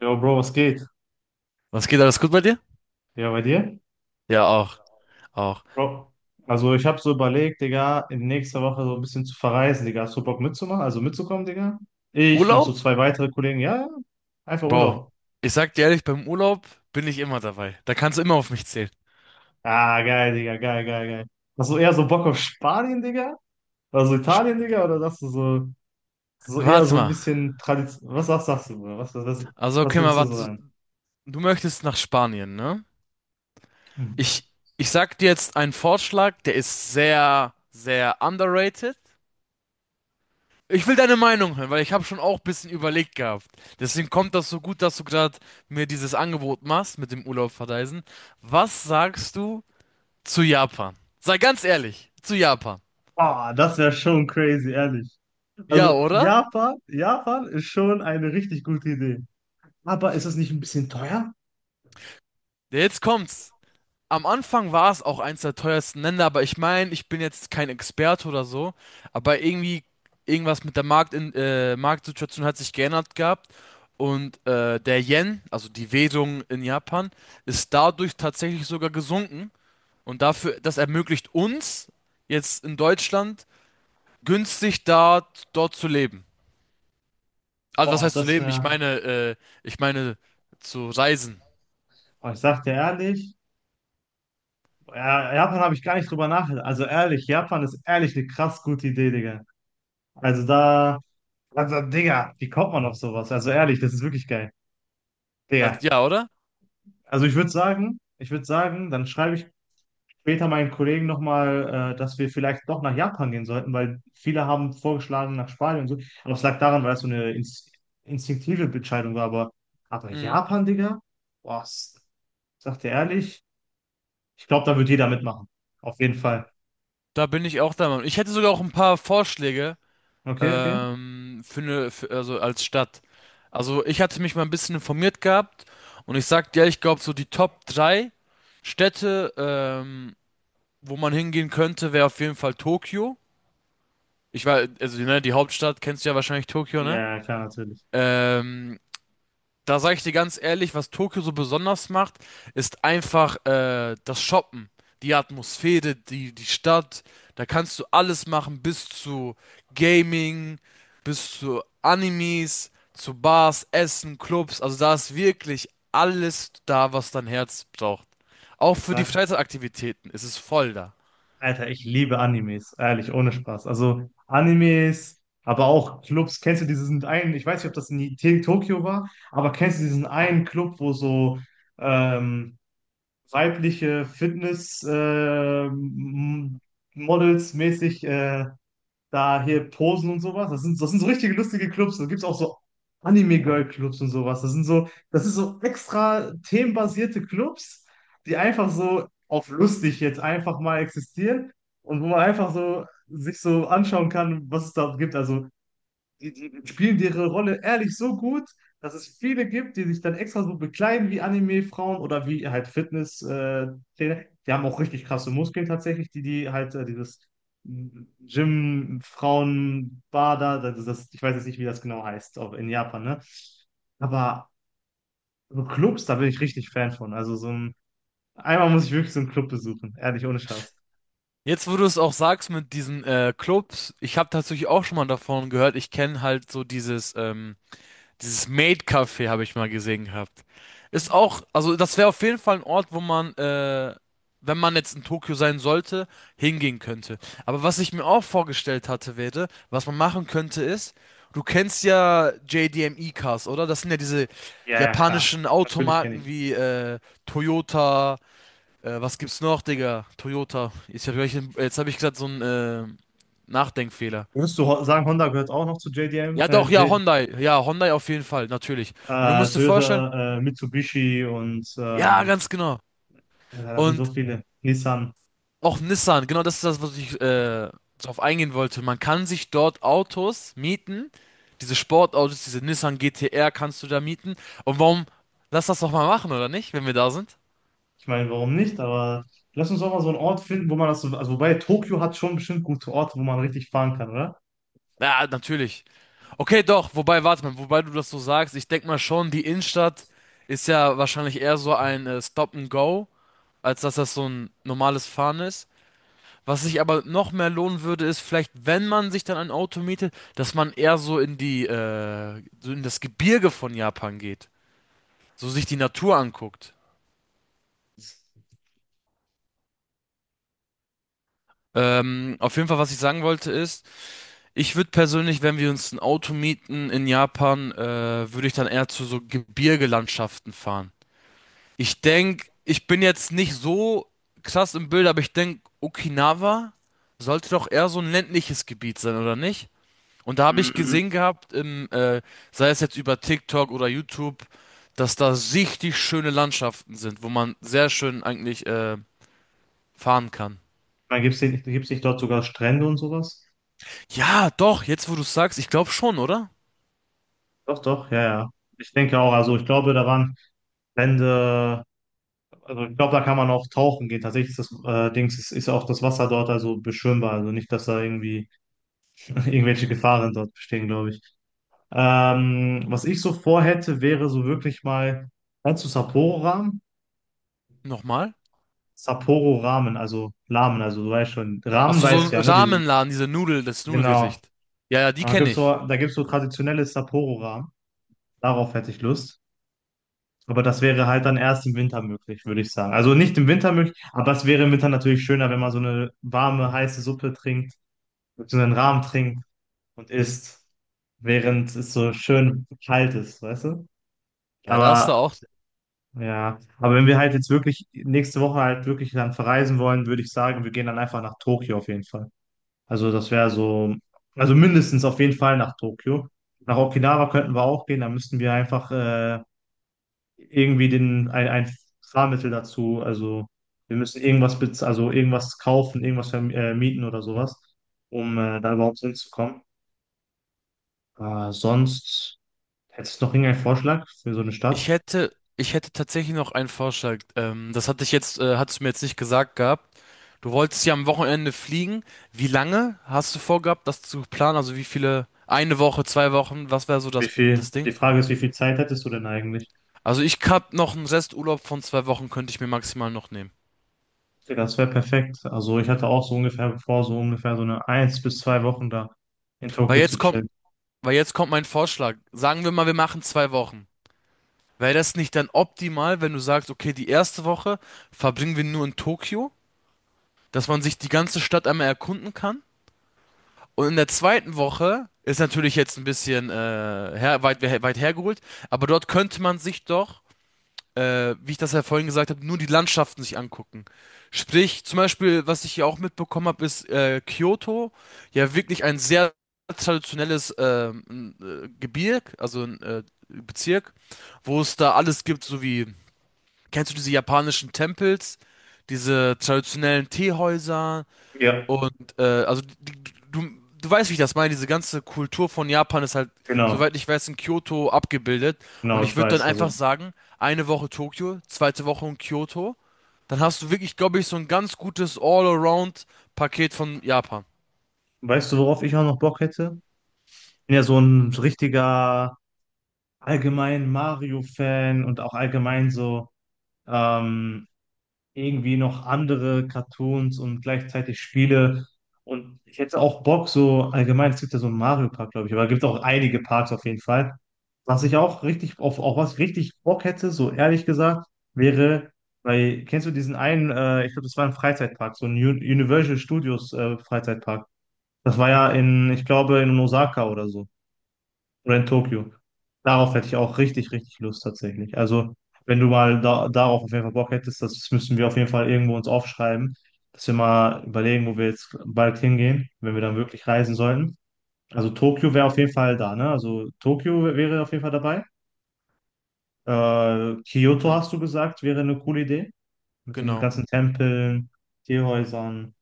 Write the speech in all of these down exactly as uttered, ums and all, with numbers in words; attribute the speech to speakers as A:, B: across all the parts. A: Jo, Bro, was geht?
B: Was geht alles gut bei dir?
A: Ja, bei dir?
B: Ja, auch, auch.
A: Bro, also ich habe so überlegt, Digga, in nächster Woche so ein bisschen zu verreisen, Digga. Hast du Bock mitzumachen? Also mitzukommen, Digga? Ich, noch so
B: Urlaub?
A: zwei weitere Kollegen. Ja, ja. Einfach
B: Bro,
A: Urlaub.
B: ich sag dir ehrlich, beim Urlaub bin ich immer dabei. Da kannst du immer auf mich zählen.
A: Ah, geil, Digga, geil, geil, geil. Hast du eher so Bock auf Spanien, Digga? Oder so Italien, Digga? Oder sagst du so, so eher
B: Warte
A: so ein
B: mal.
A: bisschen Tradition? Was, was sagst du, Bruder? Was, was, was,
B: Also,
A: was
B: okay, mal
A: würdest du
B: warte.
A: so
B: So,
A: sagen?
B: du möchtest nach Spanien, ne?
A: Mhm.
B: Ich, ich sag dir jetzt einen Vorschlag, der ist sehr, sehr underrated. Ich will deine Meinung hören, weil ich habe schon auch ein bisschen überlegt gehabt. Deswegen kommt das so gut, dass du gerade mir dieses Angebot machst mit dem Urlaub verreisen. Was sagst du zu Japan? Sei ganz ehrlich, zu Japan.
A: Ah, das wäre schon crazy, ehrlich.
B: Ja,
A: Also
B: oder?
A: Japan, Japan ist schon eine richtig gute Idee. Aber ist es nicht ein bisschen teuer?
B: Ja, jetzt kommt's. Am Anfang war es auch eins der teuersten Länder, aber ich meine, ich bin jetzt kein Experte oder so, aber irgendwie irgendwas mit der Markt in, äh, Marktsituation hat sich geändert gehabt und äh, der Yen, also die Währung in Japan, ist dadurch tatsächlich sogar gesunken und dafür, das ermöglicht uns jetzt in Deutschland günstig da dort zu leben. Also was
A: Boah,
B: heißt zu
A: das
B: leben? Ich
A: wäre.
B: meine, äh, ich meine zu reisen.
A: Boah, ich sag dir ehrlich, ja, Japan habe ich gar nicht drüber nachgedacht. Also ehrlich, Japan ist ehrlich eine krass gute Idee, Digga. Also da. Also, Digga, wie kommt man auf sowas? Also ehrlich, das ist wirklich geil.
B: Na,
A: Digga.
B: ja, oder?
A: Also ich würde sagen, ich würde sagen, dann schreibe ich später meinen Kollegen nochmal, äh, dass wir vielleicht doch nach Japan gehen sollten, weil viele haben vorgeschlagen nach Spanien und so. Aber es lag daran, weil es so eine ins- instinktive Entscheidung war. Aber, aber
B: Mhm.
A: Japan, Digga? Was? Sagt ihr ehrlich? Ich glaube, da wird jeder mitmachen. Auf jeden Fall.
B: Da bin ich auch der Meinung. Ich hätte sogar auch ein paar Vorschläge
A: Okay, okay.
B: ähm, für eine, für, also als Stadt. Also ich hatte mich mal ein bisschen informiert gehabt und ich sagte, ja, ich glaube so die Top drei Städte, ähm, wo man hingehen könnte, wäre auf jeden Fall Tokio. Ich war, also ne, die Hauptstadt kennst du ja wahrscheinlich Tokio, ne?
A: Ja, klar, natürlich.
B: Ähm, Da sage ich dir ganz ehrlich, was Tokio so besonders macht, ist einfach äh, das Shoppen, die Atmosphäre, die, die Stadt. Da kannst du alles machen, bis zu Gaming, bis zu Animes, zu Bars, Essen, Clubs. Also da ist wirklich alles da, was dein Herz braucht. Auch
A: Ich
B: für die
A: sag,
B: Freizeitaktivitäten ist es voll da.
A: Alter, ich liebe Animes. Ehrlich, ohne Spaß. Also Animes, aber auch Clubs. Kennst du diesen einen, ich weiß nicht, ob das in T- Tokio war, aber kennst du diesen einen Club, wo so, ähm, weibliche Fitness äh, m- Models mäßig äh, da hier posen und sowas. Das sind, das sind so richtige lustige Clubs. Da gibt es auch so Anime-Girl-Clubs und sowas. Das sind so, das ist so extra themenbasierte Clubs, die einfach so auf lustig jetzt einfach mal existieren und wo man einfach so sich so anschauen kann, was es da gibt. Also die, die spielen ihre Rolle ehrlich so gut, dass es viele gibt, die sich dann extra so bekleiden wie Anime-Frauen oder wie halt Fitness-Trainer. Die haben auch richtig krasse Muskeln tatsächlich, die, die halt äh, dieses Gym-Frauen-Bader, das, ist das, ich weiß jetzt nicht, wie das genau heißt, auch in Japan, ne? Aber so Clubs, da bin ich richtig Fan von. Also so ein, einmal muss ich wirklich so einen Club besuchen, ehrlich, ohne Spaß.
B: Jetzt, wo du es auch sagst mit diesen äh, Clubs, ich habe tatsächlich auch schon mal davon gehört. Ich kenne halt so dieses ähm, Dieses Maid-Café habe ich mal gesehen gehabt. Ist auch, also das wäre auf jeden Fall ein Ort, wo man, äh, wenn man jetzt in Tokio sein sollte, hingehen könnte. Aber was ich mir auch vorgestellt hatte, wäre, was man machen könnte, ist, du kennst ja J D M-E-Cars, oder? Das sind ja diese
A: Ja, ja, klar.
B: japanischen
A: Natürlich kenne
B: Automarken
A: ich.
B: wie äh, Toyota, äh, was gibt's noch, Digga? Toyota. Jetzt habe ich, jetzt hab ich gesagt, so ein äh, Nachdenkfehler.
A: Würdest du ho- sagen, Honda gehört auch noch zu J D M,
B: Ja,
A: äh,
B: doch, ja,
A: J
B: Hyundai. Ja, Hyundai auf jeden Fall, natürlich. Und du
A: äh,
B: musst dir vorstellen,
A: Toyota, äh, Mitsubishi und
B: ja,
A: ähm,
B: ganz genau.
A: ja, da sind so
B: Und
A: viele. Nissan.
B: auch Nissan, genau das ist das, was ich äh, darauf eingehen wollte. Man kann sich dort Autos mieten, diese Sportautos, diese Nissan G T-R kannst du da mieten. Und warum, lass das doch mal machen, oder nicht, wenn wir da sind?
A: Ich meine, warum nicht? Aber lass uns auch mal so einen Ort finden, wo man das so, also wobei Tokio hat schon bestimmt gute Orte, wo man richtig fahren kann, oder?
B: Ja, natürlich. Okay, doch, wobei, warte mal, wobei du das so sagst, ich denke mal schon, die Innenstadt ist ja wahrscheinlich eher so ein äh, Stop and Go, als dass das so ein normales Fahren ist. Was sich aber noch mehr lohnen würde, ist vielleicht, wenn man sich dann ein Auto mietet, dass man eher so in die, äh, so in das Gebirge von Japan geht, so sich die Natur anguckt. Ähm, auf jeden Fall, was ich sagen wollte, ist, ich würde persönlich, wenn wir uns ein Auto mieten in Japan, äh, würde ich dann eher zu so Gebirgelandschaften fahren. Ich denke, ich bin jetzt nicht so krass im Bild, aber ich denke, Okinawa sollte doch eher so ein ländliches Gebiet sein, oder nicht? Und da habe ich
A: Mm,
B: gesehen gehabt, im, äh, sei es jetzt über TikTok oder YouTube, dass da richtig schöne Landschaften sind, wo man sehr schön eigentlich äh, fahren kann.
A: man gibt es nicht, gibt's nicht dort sogar Strände und sowas?
B: Ja, doch, jetzt wo du es sagst, ich glaube schon, oder?
A: Doch, doch, ja, ja. Ich denke auch, also ich glaube, da waren Strände, also ich glaube, da kann man auch tauchen gehen. Tatsächlich ist das äh, Dings, ist, ist auch das Wasser dort also beschwimmbar, also nicht, dass da irgendwie irgendwelche Gefahren dort bestehen, glaube ich. Ähm, was ich so vorhätte, wäre so wirklich mal, kennst du Sapporo-Ramen?
B: Nochmal?
A: Sapporo-Ramen, also Ramen, also du weißt schon, Ramen
B: Achso, so
A: weißt du
B: so ein
A: ja, ne? Diese,
B: Ramenladen, diese Nudel, das
A: genau.
B: Nudelgericht. Ja, ja, die
A: Da
B: kenne
A: gibt's so,
B: ich.
A: da gibt's so traditionelle Sapporo-Ramen. Darauf hätte ich Lust. Aber das wäre halt dann erst im Winter möglich, würde ich sagen. Also nicht im Winter möglich, aber es wäre im Winter natürlich schöner, wenn man so eine warme, heiße Suppe trinkt, so einen Ramen trinkt und isst, während es so schön kalt ist, weißt du?
B: Ja, da ist da
A: Aber
B: auch.
A: ja, aber wenn wir halt jetzt wirklich nächste Woche halt wirklich dann verreisen wollen, würde ich sagen, wir gehen dann einfach nach Tokio auf jeden Fall. Also das wäre so, also mindestens auf jeden Fall nach Tokio. Nach Okinawa könnten wir auch gehen, da müssten wir einfach äh, irgendwie den, ein, ein Fahrmittel dazu, also wir müssen irgendwas, bez- also irgendwas kaufen, irgendwas verm- äh, mieten oder sowas, um äh, da überhaupt hinzukommen. Äh, sonst hättest du noch irgendeinen Vorschlag für so eine
B: Ich
A: Stadt?
B: hätte, ich hätte tatsächlich noch einen Vorschlag. Ähm, das hatte ich jetzt, äh, hattest du mir jetzt nicht gesagt gehabt. Du wolltest ja am Wochenende fliegen. Wie lange hast du vorgehabt, das zu planen? Also wie viele? Eine Woche, zwei Wochen? Was wäre so
A: Wie
B: das, das
A: viel, die
B: Ding?
A: Frage ist, wie viel Zeit hättest du denn eigentlich?
B: Also ich hab noch einen Resturlaub von zwei Wochen, könnte ich mir maximal noch nehmen.
A: Okay, das wäre perfekt. Also ich hatte auch so ungefähr vor, so ungefähr so eine eins bis zwei Wochen da in
B: Weil
A: Tokio zu
B: jetzt kommt,
A: chillen.
B: weil jetzt kommt mein Vorschlag. Sagen wir mal, wir machen zwei Wochen. Wäre das nicht dann optimal, wenn du sagst, okay, die erste Woche verbringen wir nur in Tokio, dass man sich die ganze Stadt einmal erkunden kann? Und in der zweiten Woche ist natürlich jetzt ein bisschen äh, her, weit, weit hergeholt, aber dort könnte man sich doch, äh, wie ich das ja vorhin gesagt habe, nur die Landschaften sich angucken. Sprich, zum Beispiel, was ich hier auch mitbekommen habe, ist äh, Kyoto ja wirklich ein sehr traditionelles ähm, äh, Gebirg, also ein äh, Bezirk, wo es da alles gibt, so wie, kennst du diese japanischen Tempels, diese traditionellen Teehäuser,
A: Ja,
B: und äh, also die- du, du weißt, wie ich das meine. Diese ganze Kultur von Japan ist halt,
A: genau,
B: soweit ich weiß, in Kyoto abgebildet. Und
A: genau,
B: ich
A: ich
B: würde dann
A: weiß. Also
B: einfach sagen, eine Woche Tokio, zweite Woche in Kyoto. Dann hast du wirklich, glaube ich, so ein ganz gutes All-Around-Paket von Japan.
A: weißt du, worauf ich auch noch Bock hätte? Bin ja so ein richtiger allgemein Mario-Fan und auch allgemein so ähm, irgendwie noch andere Cartoons und gleichzeitig Spiele. Und ich hätte auch Bock, so allgemein, es gibt ja so einen Mario-Park, glaube ich, aber es gibt auch einige Parks auf jeden Fall. Was ich auch richtig, auf, auf was ich richtig Bock hätte, so ehrlich gesagt, wäre, weil, kennst du diesen einen, äh, ich glaube, das war ein Freizeitpark, so ein Un- Universal Studios äh, Freizeitpark. Das war ja in, ich glaube, in Osaka oder so. Rent Tokyo. Darauf hätte ich auch richtig, richtig Lust tatsächlich. Also, wenn du mal da, darauf auf jeden Fall Bock hättest, das müssen wir auf jeden Fall irgendwo uns aufschreiben, dass wir mal überlegen, wo wir jetzt bald hingehen, wenn wir dann wirklich reisen sollten. Also, Tokio wäre auf jeden Fall da, ne? Also, Tokio wär- wäre auf jeden Fall dabei. Äh, Kyoto
B: Ja,
A: hast du gesagt, wäre eine coole Idee. Mit den
B: genau.
A: ganzen Tempeln, Teehäusern.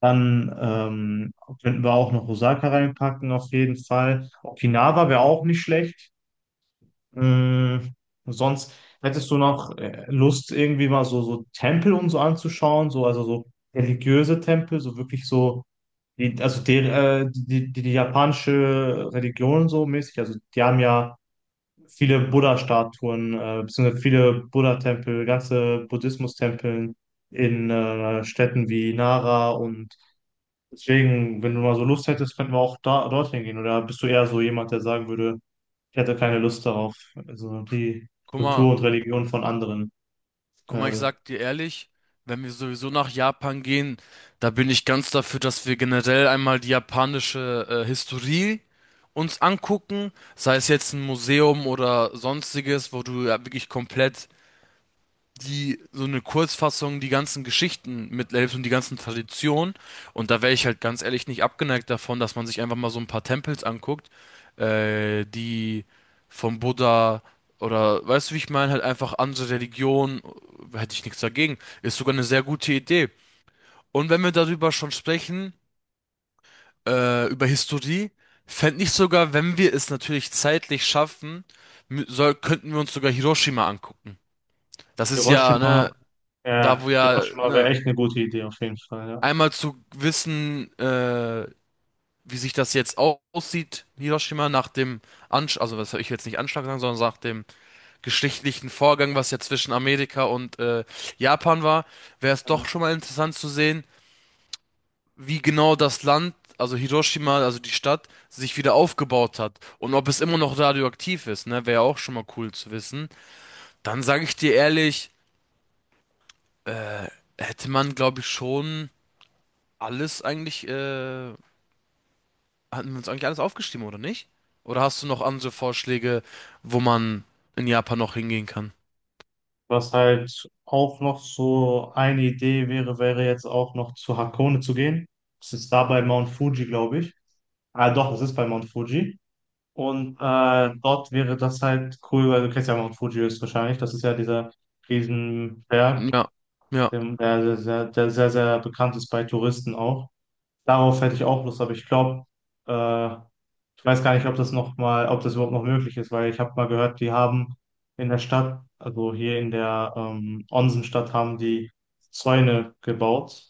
A: Dann ähm, könnten wir auch noch Osaka reinpacken, auf jeden Fall. Okinawa wäre auch nicht schlecht. Hm, sonst hättest du noch äh, Lust, irgendwie mal so, so Tempel und so anzuschauen, so, also so religiöse Tempel, so wirklich so, die, also die, äh, die, die, die japanische Religion so mäßig, also die haben ja viele Buddha-Statuen, äh, beziehungsweise viele Buddha-Tempel, ganze Buddhismus-Tempel in äh, Städten wie Nara und deswegen, wenn du mal so Lust hättest, könnten wir auch da, dorthin gehen, oder bist du eher so jemand, der sagen würde, ich hatte keine Lust darauf, also die
B: Guck mal,
A: Kultur und Religion von anderen.
B: Guck mal, ich
A: Äh,
B: sag dir ehrlich, wenn wir sowieso nach Japan gehen, da bin ich ganz dafür, dass wir generell einmal die japanische äh, Historie uns angucken, sei es jetzt ein Museum oder sonstiges, wo du ja wirklich komplett die so eine Kurzfassung, die ganzen Geschichten mithilft und die ganzen Traditionen. Und da wäre ich halt ganz ehrlich nicht abgeneigt davon, dass man sich einfach mal so ein paar Tempels anguckt, äh, die vom Buddha oder weißt du, wie ich meine, halt einfach andere Religionen, äh, hätte ich nichts dagegen. Ist sogar eine sehr gute Idee. Und wenn wir darüber schon sprechen, äh, über Historie, fände ich sogar, wenn wir es natürlich zeitlich schaffen, mü- soll, könnten wir uns sogar Hiroshima angucken. Das ist ja,
A: Hiroshima,
B: ne,
A: ja,
B: da wo ja,
A: Hiroshima wäre
B: ne,
A: echt eine gute Idee auf jeden Fall, ja.
B: einmal zu wissen, äh, wie sich das jetzt au- aussieht, Hiroshima, nach dem Anschlag, also was soll ich will jetzt nicht Anschlag sagen, sondern nach dem geschichtlichen Vorgang, was ja zwischen Amerika und äh, Japan war, wäre es doch
A: Mhm.
B: schon mal interessant zu sehen, wie genau das Land, also Hiroshima, also die Stadt, sich wieder aufgebaut hat und ob es immer noch radioaktiv ist, ne, wäre ja auch schon mal cool zu wissen. Dann sage ich dir ehrlich, äh, hätte man, glaube ich, schon alles eigentlich. äh, Hatten wir uns eigentlich alles aufgeschrieben, oder nicht? Oder hast du noch andere Vorschläge, wo man in Japan noch hingehen kann?
A: Was halt auch noch so eine Idee wäre, wäre jetzt auch noch zu Hakone zu gehen. Das ist da bei Mount Fuji, glaube ich. Ah, doch, es ist bei Mount Fuji. Und äh, dort wäre das halt cool, weil du kennst ja Mount Fuji höchstwahrscheinlich. Das ist ja dieser Riesenberg,
B: Ja, ja.
A: dem- der, der, der, der sehr, sehr bekannt ist bei Touristen auch. Darauf hätte ich auch Lust, aber ich glaube, äh, ich weiß gar nicht, ob das noch mal, ob das überhaupt noch möglich ist, weil ich habe mal gehört, die haben in der Stadt, also hier in der ähm, Onsenstadt, haben die Zäune gebaut,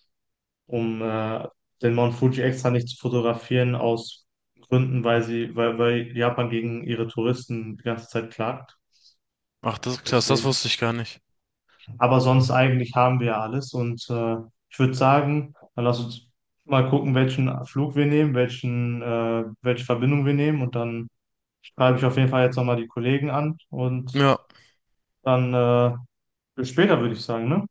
A: um äh, den Mount Fuji extra nicht zu fotografieren aus Gründen, weil sie, weil, weil Japan gegen ihre Touristen die ganze Zeit klagt.
B: Ach, das ist krass, das
A: Deswegen.
B: wusste ich gar nicht.
A: Aber sonst eigentlich haben wir ja alles. Und äh, ich würde sagen, dann lass uns mal gucken, welchen Flug wir nehmen, welchen, äh, welche Verbindung wir nehmen. Und dann schreibe ich auf jeden Fall jetzt nochmal die Kollegen an. Und
B: Ja,
A: dann äh, bis später, würde ich sagen, ne?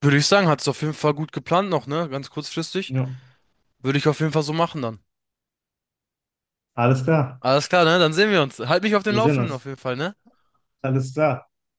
B: würde ich sagen, hat es auf jeden Fall gut geplant noch, ne? Ganz kurzfristig.
A: Ja.
B: Würde ich auf jeden Fall so machen dann.
A: Alles klar.
B: Alles klar, ne? Dann sehen wir uns. Halt mich auf dem
A: Wir sehen
B: Laufenden
A: uns.
B: auf jeden Fall, ne?
A: Alles klar.